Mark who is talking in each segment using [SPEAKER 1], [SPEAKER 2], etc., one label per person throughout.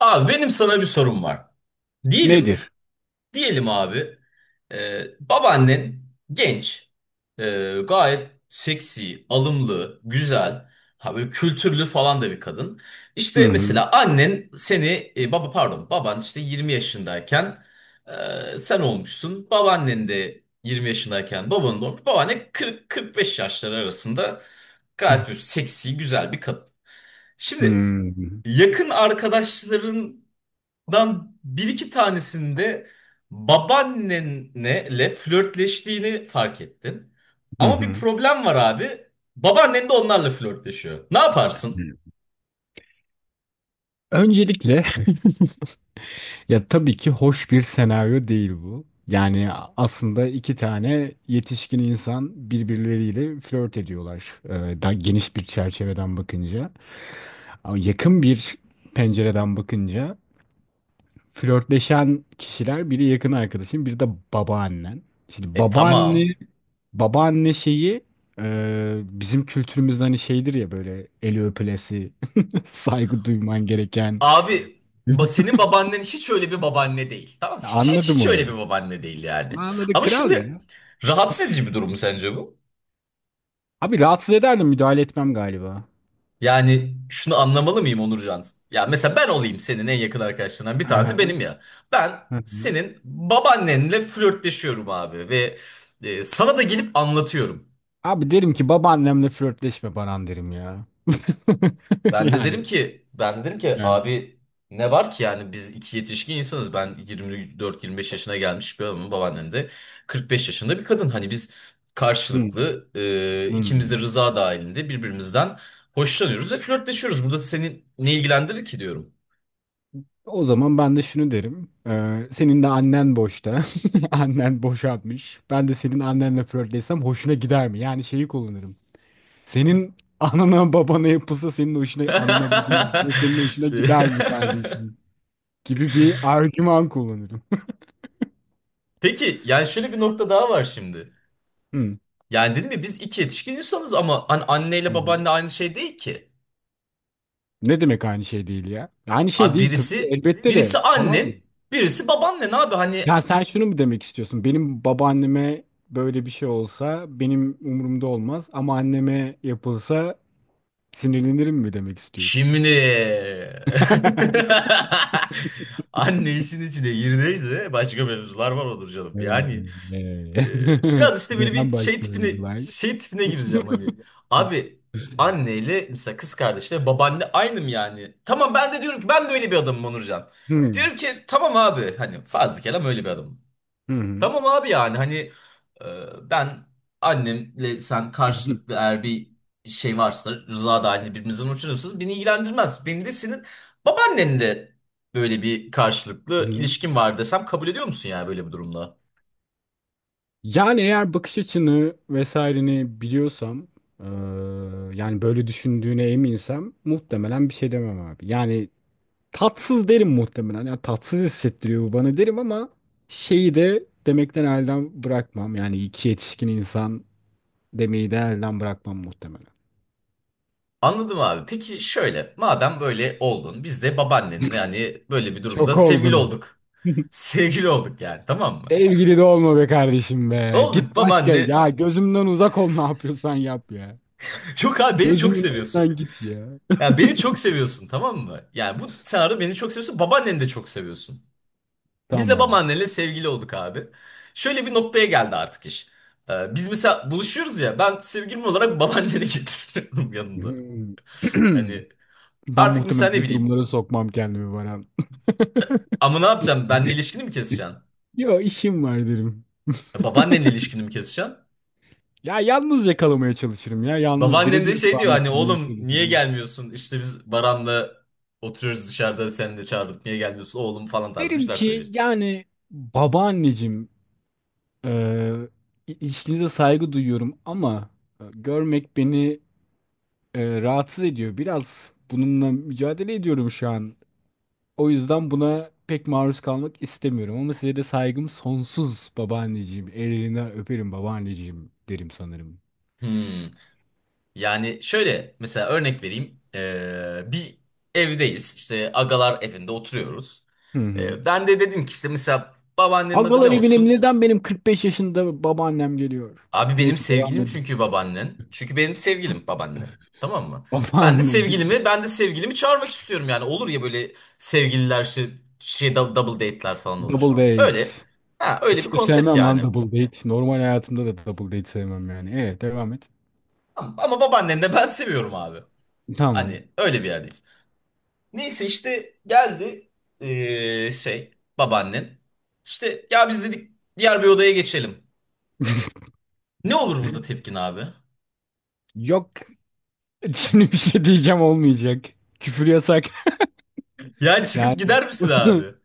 [SPEAKER 1] Abi benim sana bir sorum var. Diyelim,
[SPEAKER 2] Nedir?
[SPEAKER 1] diyelim abi, babaannen genç, e, gayet seksi, alımlı, güzel, ha böyle kültürlü falan da bir kadın.
[SPEAKER 2] Hı
[SPEAKER 1] İşte
[SPEAKER 2] hı.
[SPEAKER 1] mesela annen seni, baba pardon, baban işte 20 yaşındayken sen olmuşsun. Babaannen de 20 yaşındayken babanın da olmuş. Babaanne 40-45 yaşları arasında gayet bir seksi, güzel bir kadın.
[SPEAKER 2] Hı
[SPEAKER 1] Şimdi
[SPEAKER 2] hı.
[SPEAKER 1] yakın arkadaşların ben bir iki tanesinde babaannenle flörtleştiğini fark ettin. Ama bir
[SPEAKER 2] Hı.
[SPEAKER 1] problem var abi. Babaannen de onlarla flörtleşiyor. Ne yaparsın?
[SPEAKER 2] Öncelikle ya tabii ki hoş bir senaryo değil bu. Yani aslında iki tane yetişkin insan birbirleriyle flört ediyorlar. Daha geniş bir çerçeveden bakınca. Ama yakın bir pencereden bakınca flörtleşen kişiler biri yakın arkadaşın, biri de babaannen. Şimdi
[SPEAKER 1] E tamam.
[SPEAKER 2] babaanne babaanne şeyi bizim kültürümüzde hani şeydir ya böyle eli öpülesi, saygı duyman gereken.
[SPEAKER 1] Abi senin babaannen hiç öyle bir babaanne değil. Tamam
[SPEAKER 2] Ya
[SPEAKER 1] hiç hiç
[SPEAKER 2] anladım
[SPEAKER 1] hiç
[SPEAKER 2] onu.
[SPEAKER 1] öyle bir babaanne değil
[SPEAKER 2] Onu
[SPEAKER 1] yani.
[SPEAKER 2] anladık
[SPEAKER 1] Ama
[SPEAKER 2] kral
[SPEAKER 1] şimdi
[SPEAKER 2] ya.
[SPEAKER 1] rahatsız edici bir durum mu sence bu?
[SPEAKER 2] Abi rahatsız ederdim müdahale etmem galiba.
[SPEAKER 1] Yani şunu anlamalı mıyım, Onurcan? Ya mesela ben olayım, senin en yakın arkadaşlarından bir tanesi
[SPEAKER 2] Aha,
[SPEAKER 1] benim ya. Ben
[SPEAKER 2] hı hı.
[SPEAKER 1] senin babaannenle flörtleşiyorum abi ve sana da gelip anlatıyorum.
[SPEAKER 2] Abi derim ki babaannemle flörtleşme Baran derim ya.
[SPEAKER 1] Ben de
[SPEAKER 2] Yani.
[SPEAKER 1] derim ki ben de derim ki
[SPEAKER 2] Yani.
[SPEAKER 1] abi ne var ki, yani biz iki yetişkin insanız. Ben 24-25 yaşına gelmiş bir adamım, babaannem de 45 yaşında bir kadın. Hani biz
[SPEAKER 2] Hı,
[SPEAKER 1] karşılıklı ikimiz
[SPEAKER 2] hı.
[SPEAKER 1] de rıza dahilinde birbirimizden hoşlanıyoruz ve flörtleşiyoruz. Burada seni ne ilgilendirir ki diyorum.
[SPEAKER 2] O zaman ben de şunu derim. Senin de annen boşta. Annen boşanmış. Ben de senin annenle flörtleşsem hoşuna gider mi? Yani şeyi kullanırım. Senin anana babana yapılsa senin hoşuna, Anana babana yapılsa senin hoşuna
[SPEAKER 1] Se-
[SPEAKER 2] gider mi kardeşim? Gibi bir argüman kullanırım.
[SPEAKER 1] Peki yani şöyle bir nokta daha var şimdi.
[SPEAKER 2] Hı.
[SPEAKER 1] Yani dedim ya, biz iki yetişkin insanız ama hani
[SPEAKER 2] Hı
[SPEAKER 1] anneyle
[SPEAKER 2] hı.
[SPEAKER 1] babaanne aynı şey değil ki.
[SPEAKER 2] Ne demek aynı şey değil ya? Aynı şey
[SPEAKER 1] Abi
[SPEAKER 2] değil tabii ki
[SPEAKER 1] birisi
[SPEAKER 2] elbette
[SPEAKER 1] birisi
[SPEAKER 2] de. Tamam mı?
[SPEAKER 1] annen, birisi babaannen abi
[SPEAKER 2] Ya
[SPEAKER 1] hani
[SPEAKER 2] sen şunu mu demek istiyorsun? Benim babaanneme böyle bir şey olsa benim umurumda olmaz ama anneme yapılsa sinirlenirim mi demek istiyorsun?
[SPEAKER 1] şimdi anne işin içine girdiyse başka mevzular var, olur canım.
[SPEAKER 2] Evet.
[SPEAKER 1] Yani biraz işte böyle bir
[SPEAKER 2] Neden
[SPEAKER 1] şey
[SPEAKER 2] başka bir
[SPEAKER 1] tipine
[SPEAKER 2] like?
[SPEAKER 1] şey tipine gireceğim hani. Abi anneyle mesela kız kardeşle babaanne aynı mı yani? Tamam, ben de diyorum ki ben de öyle bir adamım Onurcan.
[SPEAKER 2] Hmm.
[SPEAKER 1] Diyorum ki tamam abi, hani fazla kelam, öyle bir adamım.
[SPEAKER 2] Hı hı.
[SPEAKER 1] Tamam abi yani hani ben annemle sen karşılıklı, eğer bir şey varsa, rıza dahil birbirinizden hoşlanıyorsanız beni ilgilendirmez. Beni de senin babaannenle böyle bir
[SPEAKER 2] Hı
[SPEAKER 1] karşılıklı
[SPEAKER 2] hı.
[SPEAKER 1] ilişkin var desem kabul ediyor musun yani böyle bir durumda?
[SPEAKER 2] Yani eğer bakış açını vesaireni biliyorsam, eee, yani böyle düşündüğüne eminsem muhtemelen bir şey demem abi. Yani tatsız derim muhtemelen. Yani tatsız hissettiriyor bu bana derim ama şeyi de demekten elden bırakmam. Yani iki yetişkin insan demeyi de elden bırakmam muhtemelen.
[SPEAKER 1] Anladım abi. Peki şöyle, madem böyle oldun, biz de babaannenle hani böyle bir durumda
[SPEAKER 2] Çok
[SPEAKER 1] sevgili
[SPEAKER 2] olgun.
[SPEAKER 1] olduk. Sevgili olduk yani, tamam mı?
[SPEAKER 2] Sevgili de olma be kardeşim be.
[SPEAKER 1] Olduk
[SPEAKER 2] Git başka.
[SPEAKER 1] babaanne.
[SPEAKER 2] Ya gözümden uzak ol ne yapıyorsan yap ya.
[SPEAKER 1] Yok abi, beni çok
[SPEAKER 2] Gözümün
[SPEAKER 1] seviyorsun.
[SPEAKER 2] önünden git ya.
[SPEAKER 1] Ya beni çok seviyorsun, tamam mı? Yani bu senaryo, beni çok seviyorsun, babaanneni de çok seviyorsun. Biz de
[SPEAKER 2] Tamam.
[SPEAKER 1] babaannenle sevgili olduk abi. Şöyle bir noktaya geldi artık iş. Biz mesela buluşuyoruz ya, ben sevgilim olarak babaanneni getiriyorum yanımda.
[SPEAKER 2] Hmm.
[SPEAKER 1] Hani
[SPEAKER 2] Ben
[SPEAKER 1] artık mesela
[SPEAKER 2] muhtemelen
[SPEAKER 1] ne
[SPEAKER 2] bu
[SPEAKER 1] bileyim,
[SPEAKER 2] durumlara sokmam kendimi Baran.
[SPEAKER 1] ama ne yapacağım, benle ilişkini mi keseceksin?
[SPEAKER 2] Yo işim var derim.
[SPEAKER 1] Ya, babaannenle ilişkini mi keseceksin?
[SPEAKER 2] Ya yalnız yakalamaya çalışırım ya. Yalnız
[SPEAKER 1] Babaannen de
[SPEAKER 2] birebir
[SPEAKER 1] şey diyor,
[SPEAKER 2] devam
[SPEAKER 1] hani
[SPEAKER 2] ettirmeye
[SPEAKER 1] oğlum niye
[SPEAKER 2] çalışırım.
[SPEAKER 1] gelmiyorsun? İşte biz Baran'la oturuyoruz dışarıda, seni de çağırdık niye gelmiyorsun oğlum falan tarzı bir
[SPEAKER 2] Derim
[SPEAKER 1] şeyler söylüyor
[SPEAKER 2] ki
[SPEAKER 1] işte.
[SPEAKER 2] yani babaanneciğim, e, ilişkinize saygı duyuyorum ama görmek beni rahatsız ediyor. Biraz bununla mücadele ediyorum şu an. O yüzden buna pek maruz kalmak istemiyorum ama size de saygım sonsuz babaanneciğim. Ellerinden öperim babaanneciğim derim sanırım.
[SPEAKER 1] Hmm. Yani şöyle mesela örnek vereyim. Bir evdeyiz işte, agalar evinde oturuyoruz.
[SPEAKER 2] Hı hı.
[SPEAKER 1] Ben de dedim ki işte mesela babaannenin adı ne
[SPEAKER 2] Agalar evine
[SPEAKER 1] olsun?
[SPEAKER 2] neden benim 45 yaşında babaannem geliyor?
[SPEAKER 1] Abi benim
[SPEAKER 2] Neyse devam
[SPEAKER 1] sevgilim
[SPEAKER 2] edin.
[SPEAKER 1] çünkü babaannen. Çünkü benim sevgilim babaannen. Tamam mı? Ben de
[SPEAKER 2] Babaanne bir
[SPEAKER 1] sevgilimi, ben de sevgilimi çağırmak istiyorum yani. Olur ya, böyle sevgililer şey, double date'ler falan
[SPEAKER 2] double
[SPEAKER 1] olur.
[SPEAKER 2] date.
[SPEAKER 1] Öyle. Ha, öyle bir
[SPEAKER 2] Hiç de
[SPEAKER 1] konsept
[SPEAKER 2] sevmem lan
[SPEAKER 1] yani.
[SPEAKER 2] double date. Normal hayatımda da double date sevmem yani. Evet devam et.
[SPEAKER 1] Ama, ama babaannen de ben seviyorum abi.
[SPEAKER 2] Tamam.
[SPEAKER 1] Hani öyle bir yerdeyiz. Neyse işte geldi babaannen. İşte ya biz dedik diğer bir odaya geçelim. Ne olur burada tepkin abi?
[SPEAKER 2] Yok şimdi bir şey diyeceğim olmayacak. Küfür yasak.
[SPEAKER 1] Ya çıkıp
[SPEAKER 2] Yani.
[SPEAKER 1] gider misin abi?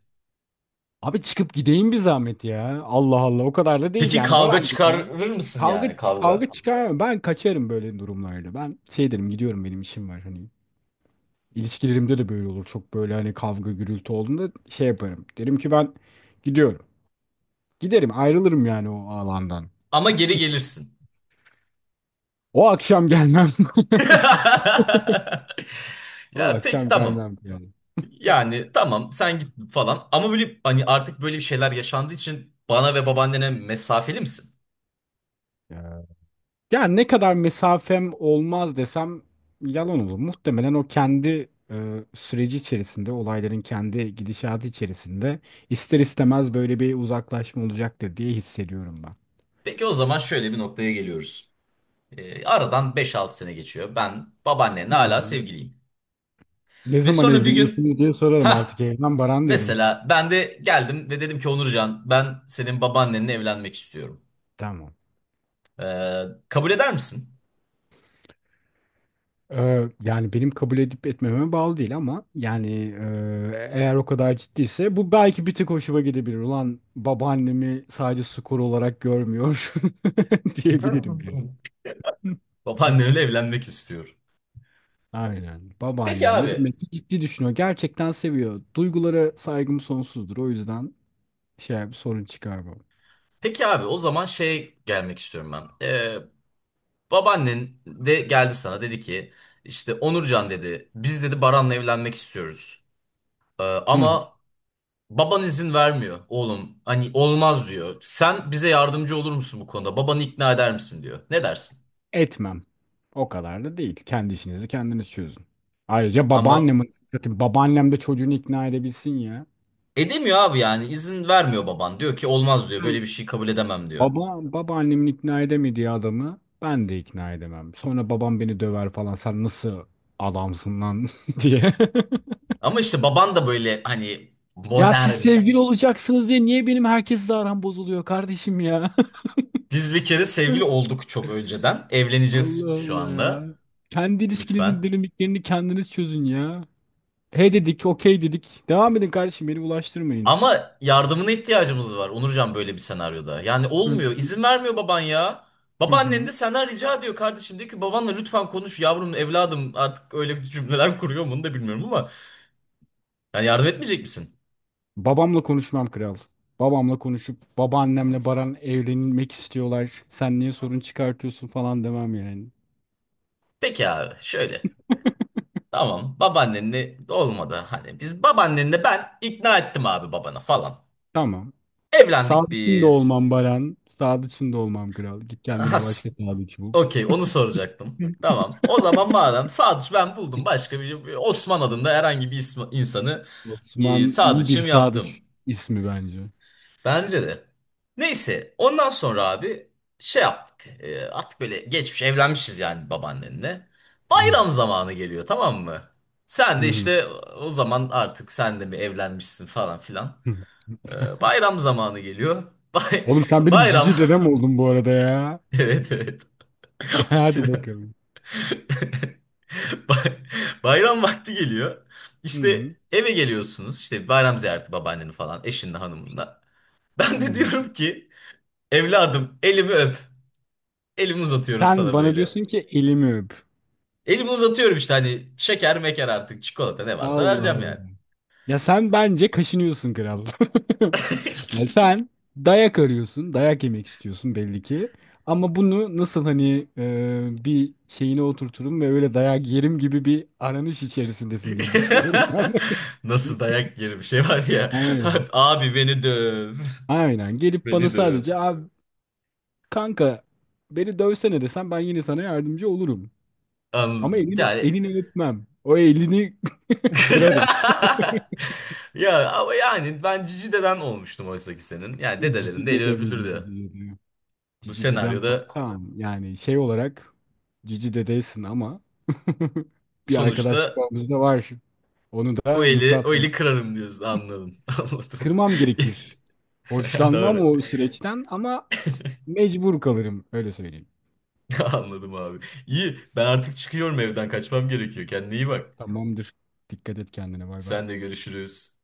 [SPEAKER 2] Abi çıkıp gideyim bir zahmet ya. Allah Allah o kadar da değil
[SPEAKER 1] Peki
[SPEAKER 2] yani
[SPEAKER 1] kavga
[SPEAKER 2] Barancık ya.
[SPEAKER 1] çıkarır mısın
[SPEAKER 2] Kavga
[SPEAKER 1] yani,
[SPEAKER 2] kavga
[SPEAKER 1] kavga?
[SPEAKER 2] çıkar. Ben kaçarım böyle durumlarda. Ben şey derim gidiyorum benim işim var hani. İlişkilerimde de böyle olur. Çok böyle hani kavga gürültü olduğunda şey yaparım. Derim ki ben gidiyorum. Giderim ayrılırım yani o alandan.
[SPEAKER 1] Ama geri gelirsin.
[SPEAKER 2] O akşam gelmem. O
[SPEAKER 1] Ya peki
[SPEAKER 2] akşam
[SPEAKER 1] tamam.
[SPEAKER 2] gelmem yani.
[SPEAKER 1] Yani tamam, sen git falan. Ama böyle hani artık böyle bir şeyler yaşandığı için bana ve babaannene mesafeli misin?
[SPEAKER 2] Yani ne kadar mesafem olmaz desem yalan olur. Muhtemelen o kendi süreci içerisinde, olayların kendi gidişatı içerisinde ister istemez böyle bir uzaklaşma olacaktır diye hissediyorum ben.
[SPEAKER 1] Peki o zaman şöyle bir noktaya geliyoruz. Aradan beş altı sene geçiyor. Ben babaannenle
[SPEAKER 2] Hı
[SPEAKER 1] hala
[SPEAKER 2] hı.
[SPEAKER 1] sevgiliyim.
[SPEAKER 2] Ne
[SPEAKER 1] Ve
[SPEAKER 2] zaman
[SPEAKER 1] sonra bir gün
[SPEAKER 2] evleniyorsunuz diye sorarım artık
[SPEAKER 1] ha
[SPEAKER 2] evden Baran derim.
[SPEAKER 1] mesela ben de geldim ve dedim ki Onurcan, ben senin babaannenle evlenmek istiyorum.
[SPEAKER 2] Tamam.
[SPEAKER 1] Kabul eder misin?
[SPEAKER 2] Yani benim kabul edip etmememe bağlı değil ama yani eğer o kadar ciddiyse bu belki bir tık hoşuma gidebilir. Ulan babaannemi sadece skor olarak görmüyor diyebilirim yani. Hı.
[SPEAKER 1] Babaannemle evlenmek istiyor.
[SPEAKER 2] Aynen.
[SPEAKER 1] Peki
[SPEAKER 2] Babaannemle
[SPEAKER 1] abi.
[SPEAKER 2] demek ki ciddi düşünüyor. Gerçekten seviyor. Duygulara saygım sonsuzdur. O yüzden şey bir sorun çıkarmam.
[SPEAKER 1] Peki abi, o zaman şey gelmek istiyorum ben. Babaannen de geldi sana dedi ki işte Onurcan dedi, biz dedi Baran'la evlenmek istiyoruz.
[SPEAKER 2] Hı.
[SPEAKER 1] Ama baban izin vermiyor oğlum. Hani olmaz diyor. Sen bize yardımcı olur musun bu konuda? Babanı ikna eder misin diyor. Ne dersin?
[SPEAKER 2] Etmem. O kadar da değil. Kendi işinizi kendiniz çözün. Ayrıca
[SPEAKER 1] Ama
[SPEAKER 2] babaannemin zaten babaannem de çocuğunu ikna edebilsin ya.
[SPEAKER 1] edemiyor abi, yani izin vermiyor baban. Diyor ki olmaz diyor, böyle
[SPEAKER 2] Hı.
[SPEAKER 1] bir şey kabul edemem diyor.
[SPEAKER 2] Baba babaannemin ikna edemediği adamı ben de ikna edemem. Sonra babam beni döver falan. Sen nasıl adamsın lan diye.
[SPEAKER 1] Ama işte baban da böyle hani
[SPEAKER 2] Ya siz
[SPEAKER 1] modern.
[SPEAKER 2] sevgili olacaksınız diye niye benim herkesle aram bozuluyor kardeşim ya?
[SPEAKER 1] Biz bir kere sevgili
[SPEAKER 2] Allah
[SPEAKER 1] olduk çok önceden. Evleneceğiz şu
[SPEAKER 2] Allah ya.
[SPEAKER 1] anda.
[SPEAKER 2] Kendi ilişkinizin
[SPEAKER 1] Lütfen.
[SPEAKER 2] dinamiklerini kendiniz çözün ya. He dedik, okey dedik. Devam edin kardeşim, beni bulaştırmayın.
[SPEAKER 1] Ama yardımına ihtiyacımız var Onurcan, böyle bir senaryoda. Yani
[SPEAKER 2] Hı.
[SPEAKER 1] olmuyor. İzin vermiyor baban ya.
[SPEAKER 2] Hı
[SPEAKER 1] Babaannen
[SPEAKER 2] hı.
[SPEAKER 1] de senden rica ediyor kardeşim. Diyor ki babanla lütfen konuş yavrum evladım. Artık öyle bir cümleler kuruyor mu onu da bilmiyorum ama. Yani yardım etmeyecek misin?
[SPEAKER 2] Babamla konuşmam kral. Babamla konuşup babaannemle Baran evlenmek istiyorlar. Sen niye sorun çıkartıyorsun falan demem yani.
[SPEAKER 1] Peki abi şöyle. Tamam, babaannenle olmadı. Hani biz babaannenle, ben ikna ettim abi babana falan.
[SPEAKER 2] Tamam.
[SPEAKER 1] Evlendik
[SPEAKER 2] Sadıçın da
[SPEAKER 1] biz.
[SPEAKER 2] olmam Baran. Sadıçın da olmam kral. Git kendine başka
[SPEAKER 1] Has.
[SPEAKER 2] sadıç bul.
[SPEAKER 1] Okey, onu soracaktım.
[SPEAKER 2] Hı.
[SPEAKER 1] Tamam. O zaman madem Sadıç ben buldum, başka bir Osman adında herhangi bir insanı
[SPEAKER 2] Osman iyi bir
[SPEAKER 1] Sadıç'ım
[SPEAKER 2] sadıç
[SPEAKER 1] yaptım.
[SPEAKER 2] ismi bence.
[SPEAKER 1] Bence de. Neyse ondan sonra abi şey yaptık. E, artık böyle geçmiş evlenmişiz yani babaannenle.
[SPEAKER 2] Hı
[SPEAKER 1] Bayram zamanı geliyor, tamam mı? Sen de
[SPEAKER 2] hı.
[SPEAKER 1] işte o zaman artık sen de mi evlenmişsin falan filan.
[SPEAKER 2] Hı.
[SPEAKER 1] E, bayram zamanı geliyor. Bay
[SPEAKER 2] Oğlum sen benim
[SPEAKER 1] bayram.
[SPEAKER 2] cici dedem oldun bu arada ya.
[SPEAKER 1] Evet, evet.
[SPEAKER 2] Ya hadi bakalım.
[SPEAKER 1] Bay- Bayram vakti geliyor.
[SPEAKER 2] Hı
[SPEAKER 1] İşte
[SPEAKER 2] hı.
[SPEAKER 1] eve geliyorsunuz. İşte bayram ziyareti babaannenin falan, eşinle, hanımınla. Ben de
[SPEAKER 2] Hı.
[SPEAKER 1] diyorum ki evladım elimi öp. Elimi uzatıyorum
[SPEAKER 2] Sen
[SPEAKER 1] sana
[SPEAKER 2] bana
[SPEAKER 1] böyle.
[SPEAKER 2] diyorsun ki elimi öp.
[SPEAKER 1] Elimi uzatıyorum işte, hani şeker meker artık çikolata ne varsa
[SPEAKER 2] Allah
[SPEAKER 1] vereceğim
[SPEAKER 2] Allah.
[SPEAKER 1] yani.
[SPEAKER 2] Ya sen bence kaşınıyorsun kral. Ya sen dayak arıyorsun, dayak yemek istiyorsun belli ki. Ama bunu nasıl hani bir şeyine oturturum ve öyle dayak yerim gibi bir aranış içerisindesin diye düşünüyorum ben.
[SPEAKER 1] Nasıl dayak yeri bir şey var ya.
[SPEAKER 2] Aynen.
[SPEAKER 1] Abi beni döv.
[SPEAKER 2] Aynen. Gelip bana
[SPEAKER 1] Beni döv.
[SPEAKER 2] sadece abi kanka beni dövsene desem ben yine sana yardımcı olurum. Ama
[SPEAKER 1] Anladım.
[SPEAKER 2] elini
[SPEAKER 1] Yani
[SPEAKER 2] elini öpmem. O elini kırarım.
[SPEAKER 1] ya ama yani ben cici deden olmuştum oysa ki senin. Yani
[SPEAKER 2] Cici
[SPEAKER 1] dedelerin de eli
[SPEAKER 2] dedem mi dedi,
[SPEAKER 1] öpülürdü.
[SPEAKER 2] cici dedem.
[SPEAKER 1] Bu
[SPEAKER 2] Cici dedem falan.
[SPEAKER 1] senaryoda
[SPEAKER 2] Tamam yani şey olarak cici dedeysin ama bir arkadaşlık
[SPEAKER 1] sonuçta
[SPEAKER 2] bağımız da var. Onu
[SPEAKER 1] o
[SPEAKER 2] da
[SPEAKER 1] eli, o
[SPEAKER 2] yıpratmayayım.
[SPEAKER 1] eli kırarım diyorsun, anladım. Anladım.
[SPEAKER 2] Kırmam gerekir. Hoşlanmam
[SPEAKER 1] Doğru.
[SPEAKER 2] o süreçten ama mecbur kalırım öyle söyleyeyim.
[SPEAKER 1] Anladım abi. İyi, ben artık çıkıyorum, evden kaçmam gerekiyor. Kendine iyi bak.
[SPEAKER 2] Tamamdır. Dikkat et kendine bay bay.
[SPEAKER 1] Sen de, görüşürüz.